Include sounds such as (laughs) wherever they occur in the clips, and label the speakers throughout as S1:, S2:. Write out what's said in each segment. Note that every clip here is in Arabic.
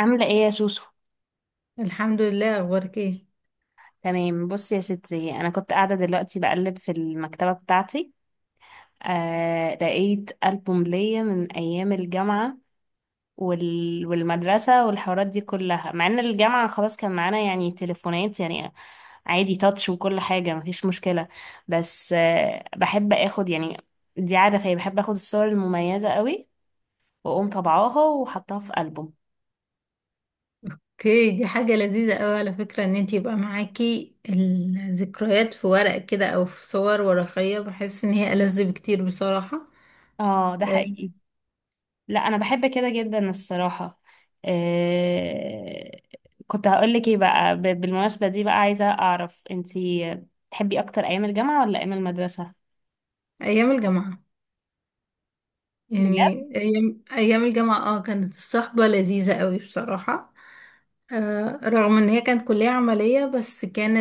S1: عاملة ايه يا سوسو؟
S2: الحمد لله. اخبارك ايه؟
S1: تمام. بصي يا ستي، انا كنت قاعدة دلوقتي بقلب في المكتبة بتاعتي. لقيت ألبوم ليا من ايام الجامعة والمدرسة والحوارات دي كلها، مع ان الجامعة خلاص كان معانا يعني تليفونات يعني، عادي، تاتش وكل حاجة، مفيش مشكلة. بس بحب اخد يعني، دي عادة فيا، بحب اخد الصور المميزة قوي واقوم طبعاها وحطها في ألبوم.
S2: اوكي، دي حاجة لذيذة قوي على فكرة، ان انت يبقى معاكي الذكريات في ورق كده او في صور ورقية. بحس ان هي ألذ بكتير بصراحة.
S1: اه ده
S2: آه،
S1: حقيقي. لا انا بحب كده جدا الصراحه. آه... كنت هقول لك ايه بقى، بالمناسبه دي بقى عايزه اعرف انتي تحبي اكتر ايام الجامعه ولا ايام المدرسه؟
S2: ايام الجامعة.
S1: بجد؟
S2: يعني ايام الجامعة، اه كانت الصحبة لذيذة قوي بصراحة. رغم ان هي كانت كلية عملية، بس كان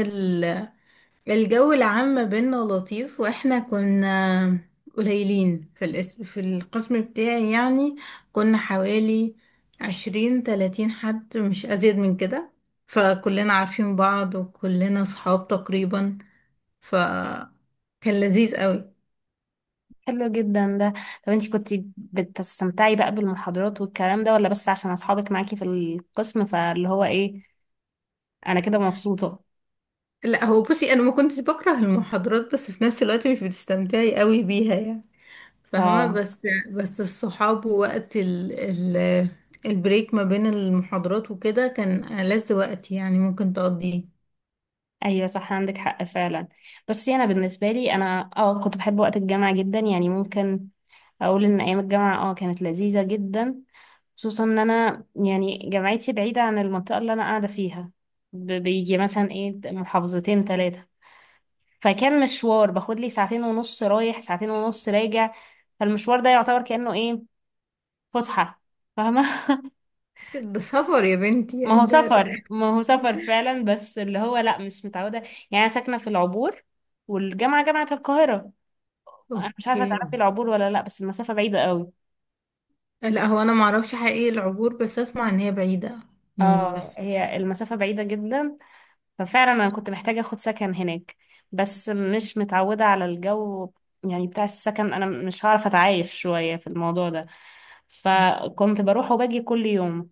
S2: الجو العام ما بينا لطيف، واحنا كنا قليلين في القسم بتاعي يعني. كنا حوالي 20 30 حد، مش ازيد من كده. فكلنا عارفين بعض وكلنا صحاب تقريبا، فكان لذيذ قوي.
S1: حلو جدا ده. طب انتي كنتي بتستمتعي بقى بالمحاضرات والكلام ده ولا بس عشان اصحابك معاكي في القسم؟ فاللي هو ايه، انا كده مبسوطه.
S2: لا، هو بصي، انا ما كنتش بكره المحاضرات، بس في نفس الوقت مش بتستمتعي قوي بيها يعني، فاهمة؟
S1: اه.
S2: بس الصحاب ووقت ال ال البريك ما بين المحاضرات وكده كان ألذ وقت يعني ممكن تقضيه.
S1: ايوه صح، عندك حق فعلا. بس انا بالنسبه لي انا كنت بحب وقت الجامعه جدا، يعني ممكن اقول ان ايام الجامعه كانت لذيذه جدا، خصوصا ان انا يعني جامعتي بعيده عن المنطقه اللي انا قاعده فيها. بيجي مثلا ايه، محافظتين ثلاثه. فكان مشوار، باخد لي ساعتين ونص رايح ساعتين ونص راجع. فالمشوار ده يعتبر كانه ايه، فسحه، فاهمه.
S2: ده سفر يا بنتي،
S1: ما هو
S2: يعني ده
S1: سفر، ما هو سفر فعلا، بس اللي هو لا مش متعودة. يعني أنا ساكنة في العبور والجامعة جامعة القاهرة. أنا مش عارفة
S2: اوكي.
S1: تعرفي العبور ولا لا، بس المسافة بعيدة قوي.
S2: لا، هو انا معرفش حقيقي العبور، بس اسمع ان هي بعيدة يعني
S1: اه
S2: بس.
S1: هي المسافة بعيدة جدا. ففعلا أنا كنت محتاجة أخد سكن هناك، بس مش متعودة على الجو يعني بتاع السكن، أنا مش هعرف أتعايش شوية في الموضوع ده. فكنت بروح وباجي كل يوم.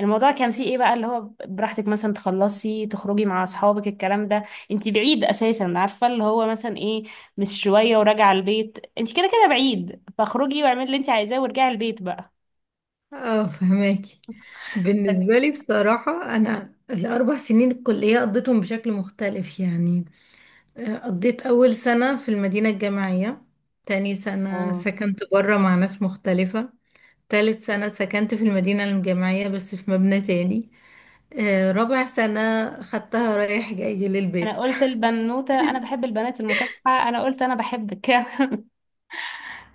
S1: الموضوع كان فيه ايه بقى، اللي هو براحتك، مثلا تخلصي تخرجي مع اصحابك الكلام ده. انتي بعيد اساسا، عارفه اللي هو مثلا ايه، مش شويه وراجعه البيت، انتي كده كده بعيد فاخرجي واعملي اللي انتي عايزاه وارجعي البيت بقى.
S2: اه، فهماكي. بالنسبة لي بصراحة، أنا الأربع سنين الكلية قضيتهم بشكل مختلف يعني. قضيت أول سنة في المدينة الجامعية، تاني سنة
S1: اه.
S2: سكنت برا مع ناس مختلفة، تالت سنة سكنت في المدينة الجامعية بس في مبنى تاني. رابع سنة خدتها رايح جاي
S1: انا
S2: للبيت.
S1: قلت البنوته انا بحب البنات المكافحه، انا قلت انا بحبك. (laughs)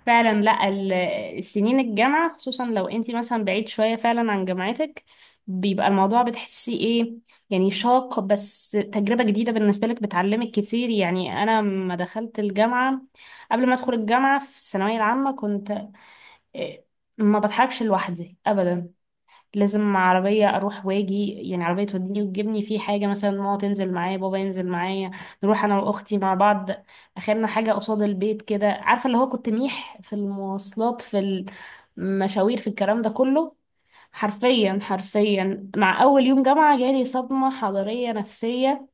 S1: فعلا. لا السنين الجامعة، خصوصا لو انتي مثلا بعيد شوية فعلا عن جامعتك، بيبقى الموضوع بتحسي ايه يعني، شاق بس تجربة جديدة بالنسبة لك، بتعلمك كتير. يعني انا لما دخلت الجامعة، قبل ما ادخل الجامعة في الثانوية العامة كنت إيه، ما بتحركش لوحدي ابدا، لازم عربية أروح واجي، يعني عربية توديني وتجيبني في حاجة، مثلا ماما تنزل معايا بابا ينزل معايا، نروح أنا وأختي مع بعض. أخرنا حاجة قصاد البيت كده، عارفة اللي هو كنت ميح في المواصلات، في المشاوير، في الكلام ده كله. حرفيا حرفيا مع أول يوم جامعة جالي صدمة حضارية نفسية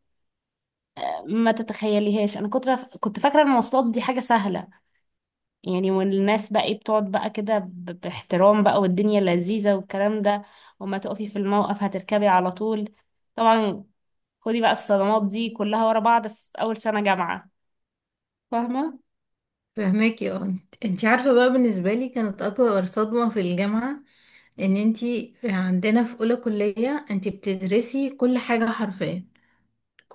S1: ما تتخيليهاش. أنا كنت فاكرة المواصلات دي حاجة سهلة يعني، والناس بقى ايه بتقعد بقى كده باحترام بقى والدنيا لذيذة والكلام ده، وما تقفي في الموقف هتركبي على طول طبعا. خدي بقى الصدمات دي كلها ورا بعض في أول سنة جامعة. فاهمة؟
S2: (laughs) فهماكي. اه، انت انتي عارفة بقى، بالنسبة لي كانت أكبر صدمة في الجامعة ان انتي عندنا في أولى كلية انتي بتدرسي كل حاجة حرفيا،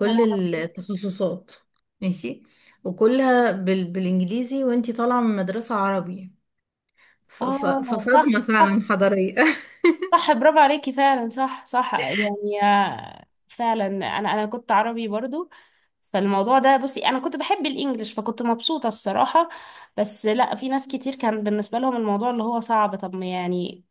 S1: يا لهوي.
S2: التخصصات ماشي، وكلها بالإنجليزي، وانتي طالعة من مدرسة عربي.
S1: اه صح
S2: فصدمة فعلا
S1: صح.
S2: حضارية. (laughs)
S1: صح برافو عليكي فعلا، صح صح. يعني فعلا انا كنت عربي برضو، فالموضوع ده بصي انا كنت بحب الانجليش فكنت مبسوطة الصراحة. بس لا، في ناس كتير كان بالنسبة لهم الموضوع اللي هو صعب. طب ما يعني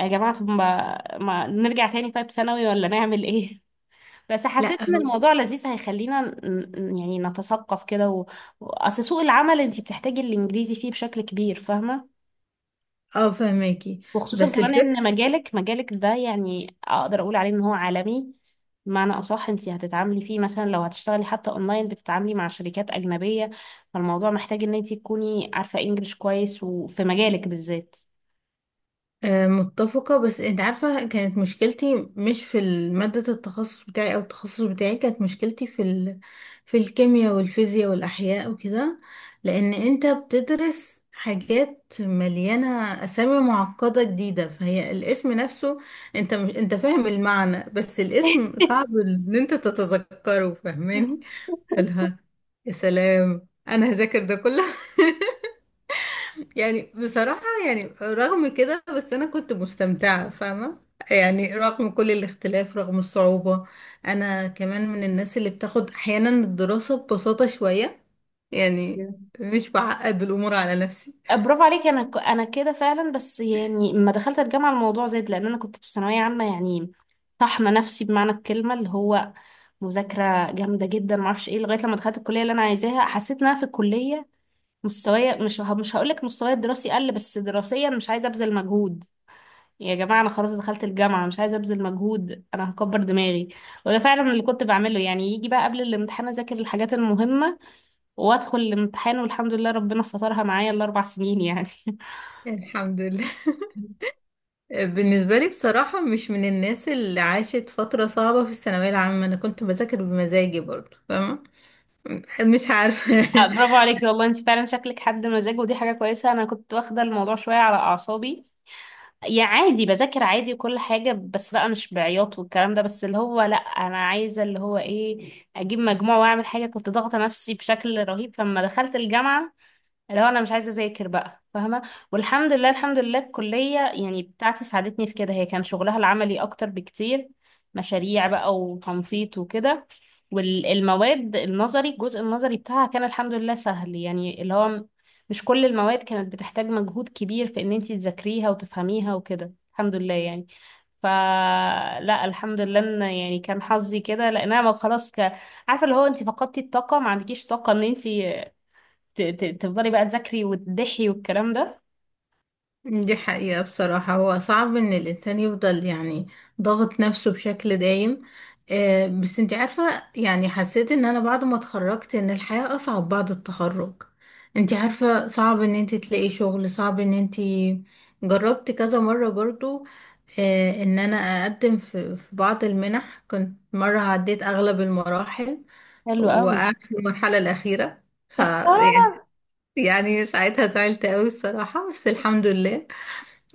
S1: يا جماعة، طب ما نرجع تاني طيب ثانوي، ولا نعمل ايه؟ (laughs) بس
S2: لا
S1: حسيت ان
S2: هو-
S1: الموضوع لذيذ هيخلينا ن- يعني نتثقف كده اصل سوق العمل انت بتحتاجي الانجليزي فيه بشكل كبير، فاهمة.
S2: اه، فهماكي.
S1: وخصوصا
S2: بس
S1: كمان ان
S2: الفكرة،
S1: مجالك، مجالك ده يعني اقدر اقول عليه ان هو عالمي. بمعنى اصح انت هتتعاملي فيه مثلا لو هتشتغلي حتى اونلاين، بتتعاملي مع شركات اجنبية، فالموضوع محتاج ان انت تكوني عارفة انجليش كويس، وفي مجالك بالذات.
S2: متفقة. بس انت عارفة، كانت مشكلتي مش في مادة التخصص بتاعي، او التخصص بتاعي كانت مشكلتي في الكيمياء والفيزياء والاحياء وكده، لان انت بتدرس حاجات مليانة اسامي معقدة جديدة. فهي الاسم نفسه، انت مش... انت فاهم المعنى، بس الاسم صعب ان انت تتذكره، فاهماني؟ فالها يا سلام، انا هذاكر ده كله يعني. بصراحة يعني رغم كده، بس أنا كنت مستمتعة فاهمة. يعني رغم كل الاختلاف، رغم الصعوبة. أنا كمان من الناس اللي بتاخد أحيانا الدراسة ببساطة شوية يعني، مش بعقد الأمور على نفسي
S1: برافو عليكي. انا انا كده فعلا، بس يعني لما دخلت الجامعه الموضوع زاد، لان انا كنت في ثانويه عامه يعني طحنه نفسي بمعنى الكلمه، اللي هو مذاكره جامده جدا ما اعرفش ايه، لغايه لما دخلت الكليه اللي انا عايزاها حسيت ان انا في الكليه مستوايا مش هقول لك مستواي الدراسي قل، بس دراسيا مش عايزه ابذل مجهود. يا جماعه انا خلاص دخلت الجامعه مش عايزه ابذل مجهود، انا هكبر دماغي. وده فعلا اللي كنت بعمله، يعني يجي بقى قبل الامتحان اذاكر الحاجات المهمه وادخل الامتحان، والحمد لله ربنا سترها معايا الاربع سنين يعني.
S2: يعني. الحمد لله. (laughs)
S1: (laughs)
S2: بالنسبة لي بصراحة، مش من الناس اللي عاشت فترة صعبة في الثانوية العامة. أنا كنت بذاكر بمزاجي برضو فاهمة. مش عارفة. (laughs)
S1: برافو عليكي والله، انت فعلا شكلك حد مزاج، ودي حاجة كويسة. انا كنت واخدة الموضوع شوية على اعصابي، يا عادي بذاكر عادي وكل حاجة، بس بقى مش بعياط والكلام ده، بس اللي هو لا انا عايزة اللي هو ايه، اجيب مجموع واعمل حاجة، كنت ضاغطة نفسي بشكل رهيب. فلما دخلت الجامعة اللي هو انا مش عايزه اذاكر بقى، فاهمه. والحمد لله، الحمد لله الكليه يعني بتاعتي ساعدتني في كده، هي كان شغلها العملي اكتر بكتير، مشاريع بقى وتنطيط وكده. والمواد النظري، الجزء النظري بتاعها كان الحمد لله سهل يعني، اللي هو مش كل المواد كانت بتحتاج مجهود كبير في ان انتي تذاكريها وتفهميها وكده، الحمد لله يعني. فلا الحمد لله ان يعني كان حظي كده، لان انا عارفه اللي هو انت فقدتي الطاقه، ما عندكيش طاقه ان انت تفضلي بقى تذاكري وتضحي والكلام ده.
S2: دي حقيقة بصراحة. هو صعب ان الانسان يفضل يعني ضاغط نفسه بشكل دايم. بس انت عارفة، يعني حسيت ان انا بعد ما اتخرجت ان الحياة اصعب بعد التخرج. انت عارفة صعب ان انت تلاقي شغل، صعب ان انت جربت كذا مرة برضو. ان انا اقدم في بعض المنح، كنت مرة عديت اغلب المراحل،
S1: حلو قوي.
S2: وقعدت في المرحلة الاخيرة. ف
S1: يا اختار.
S2: يعني، يعني ساعتها زعلت قوي بصراحة، بس الحمد لله.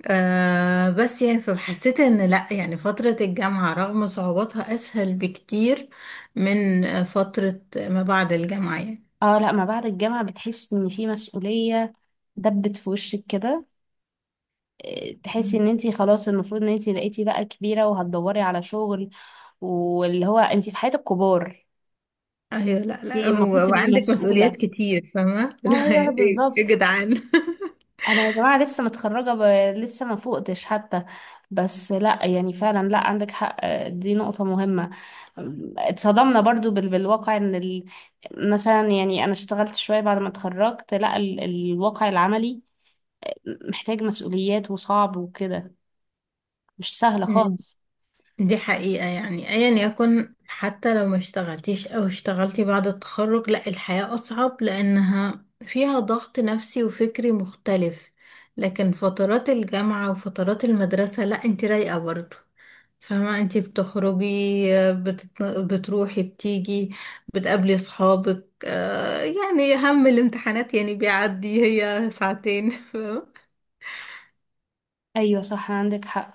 S2: آه، بس يعني فحسيت ان لا، يعني فترة الجامعة رغم صعوباتها اسهل بكتير من فترة ما بعد الجامعة يعني.
S1: اه لا، ما بعد الجامعة بتحسي ان في مسؤولية دبت في وشك كده. تحسي
S2: مم.
S1: ان انتي خلاص المفروض ان انتي بقيتي بقى كبيرة وهتدوري على شغل، واللي هو انتي في حياة الكبار.
S2: ايوه. لا لا
S1: انتي المفروض
S2: هو-
S1: تبقي
S2: وعندك مسؤوليات
S1: مسؤولة.
S2: كتير فاهمة. (laughs) لا
S1: ايوه
S2: ايه يا
S1: بالظبط.
S2: جدعان.
S1: انا يا جماعه لسه ما فوقتش حتى. بس لا يعني فعلا، لا عندك حق، دي نقطه مهمه. اتصدمنا برضو بالواقع، ان مثلا يعني انا اشتغلت شويه بعد ما اتخرجت لا، الواقع العملي محتاج مسؤوليات وصعب وكده، مش سهله
S2: مم.
S1: خالص.
S2: (laughs) دي حقيقة، يعني ايا يكن، حتى لو ما اشتغلتيش او اشتغلتي بعد التخرج، لا الحياة اصعب لانها فيها ضغط نفسي وفكري مختلف. لكن فترات الجامعة وفترات المدرسة، لا انت رايقة برضه. فاهمة، انتي بتخرجي، بتروحي بتيجي، بتقابلي صحابك. آه، يعني هم الامتحانات يعني بيعدي، هي ساعتين فاهمة.
S1: ايوه صح عندك حق.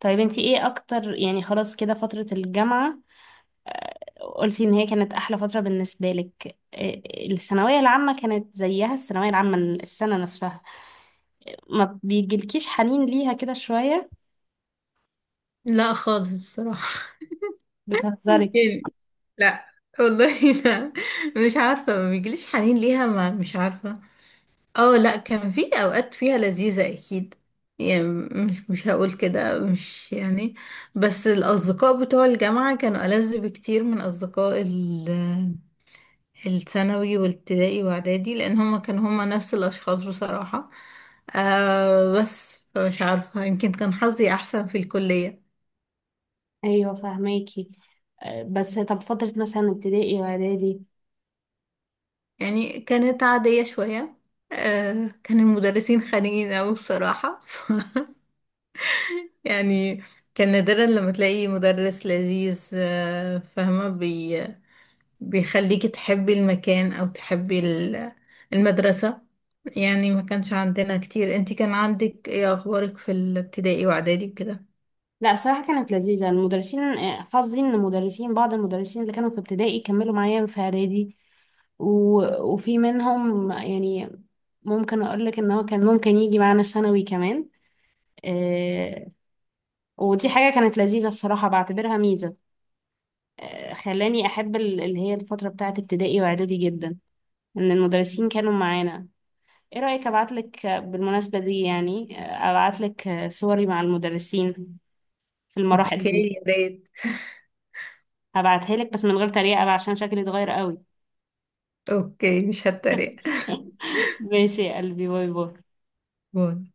S1: طيب انتي ايه اكتر يعني، خلاص كده فتره الجامعه قلتي ان هي كانت احلى فتره بالنسبه لك، الثانويه العامه كانت زيها، الثانويه العامه السنه نفسها ما بيجيلكيش حنين ليها كده شويه؟
S2: لا خالص بصراحة. (laughs)
S1: بتهزري.
S2: يعني لا. والله لا، مش عارفة، ما بيجيليش حنين ليها، ما مش عارفة. اه لا، كان في اوقات فيها لذيذة اكيد يعني. مش هقول كده، مش يعني. بس الاصدقاء بتوع الجامعة كانوا ألذ بكتير من اصدقاء الثانوي والابتدائي واعدادي، لان هما كانوا هما نفس الاشخاص بصراحة. آه، بس مش عارفة، يمكن كان حظي احسن في الكلية.
S1: ايوه فهماكي. بس طب فتره مثلا ابتدائي واعدادي؟
S2: يعني كانت عادية شوية. آه، كان المدرسين خانقين اوي بصراحة. (laughs) يعني كان نادرا لما تلاقي مدرس لذيذ. فاهمة، بي بيخليكي تحبي المكان أو تحبي المدرسة يعني. ما كانش عندنا كتير. انتي كان عندك ايه اخبارك في الابتدائي واعدادي وكده؟
S1: لا صراحه كانت لذيذه المدرسين. حظي ان المدرسين، بعض المدرسين اللي كانوا في ابتدائي كملوا معايا في اعدادي وفي منهم يعني ممكن اقول لك ان هو كان ممكن يجي معانا ثانوي كمان. آه، ودي حاجة كانت لذيذة الصراحة، بعتبرها ميزة. خلاني أحب اللي هي الفترة بتاعة ابتدائي وإعدادي جدا، إن المدرسين كانوا معانا. إيه رأيك أبعتلك، بالمناسبة دي يعني، أبعتلك صوري مع المدرسين في المراحل
S2: اوكي
S1: دي؟
S2: يا ريت.
S1: هبعتها لك بس من غير تريقة بقى عشان شكلي اتغير قوي.
S2: اوكي مش هتريق.
S1: (laughs) ماشي يا قلبي، باي باي.
S2: باي.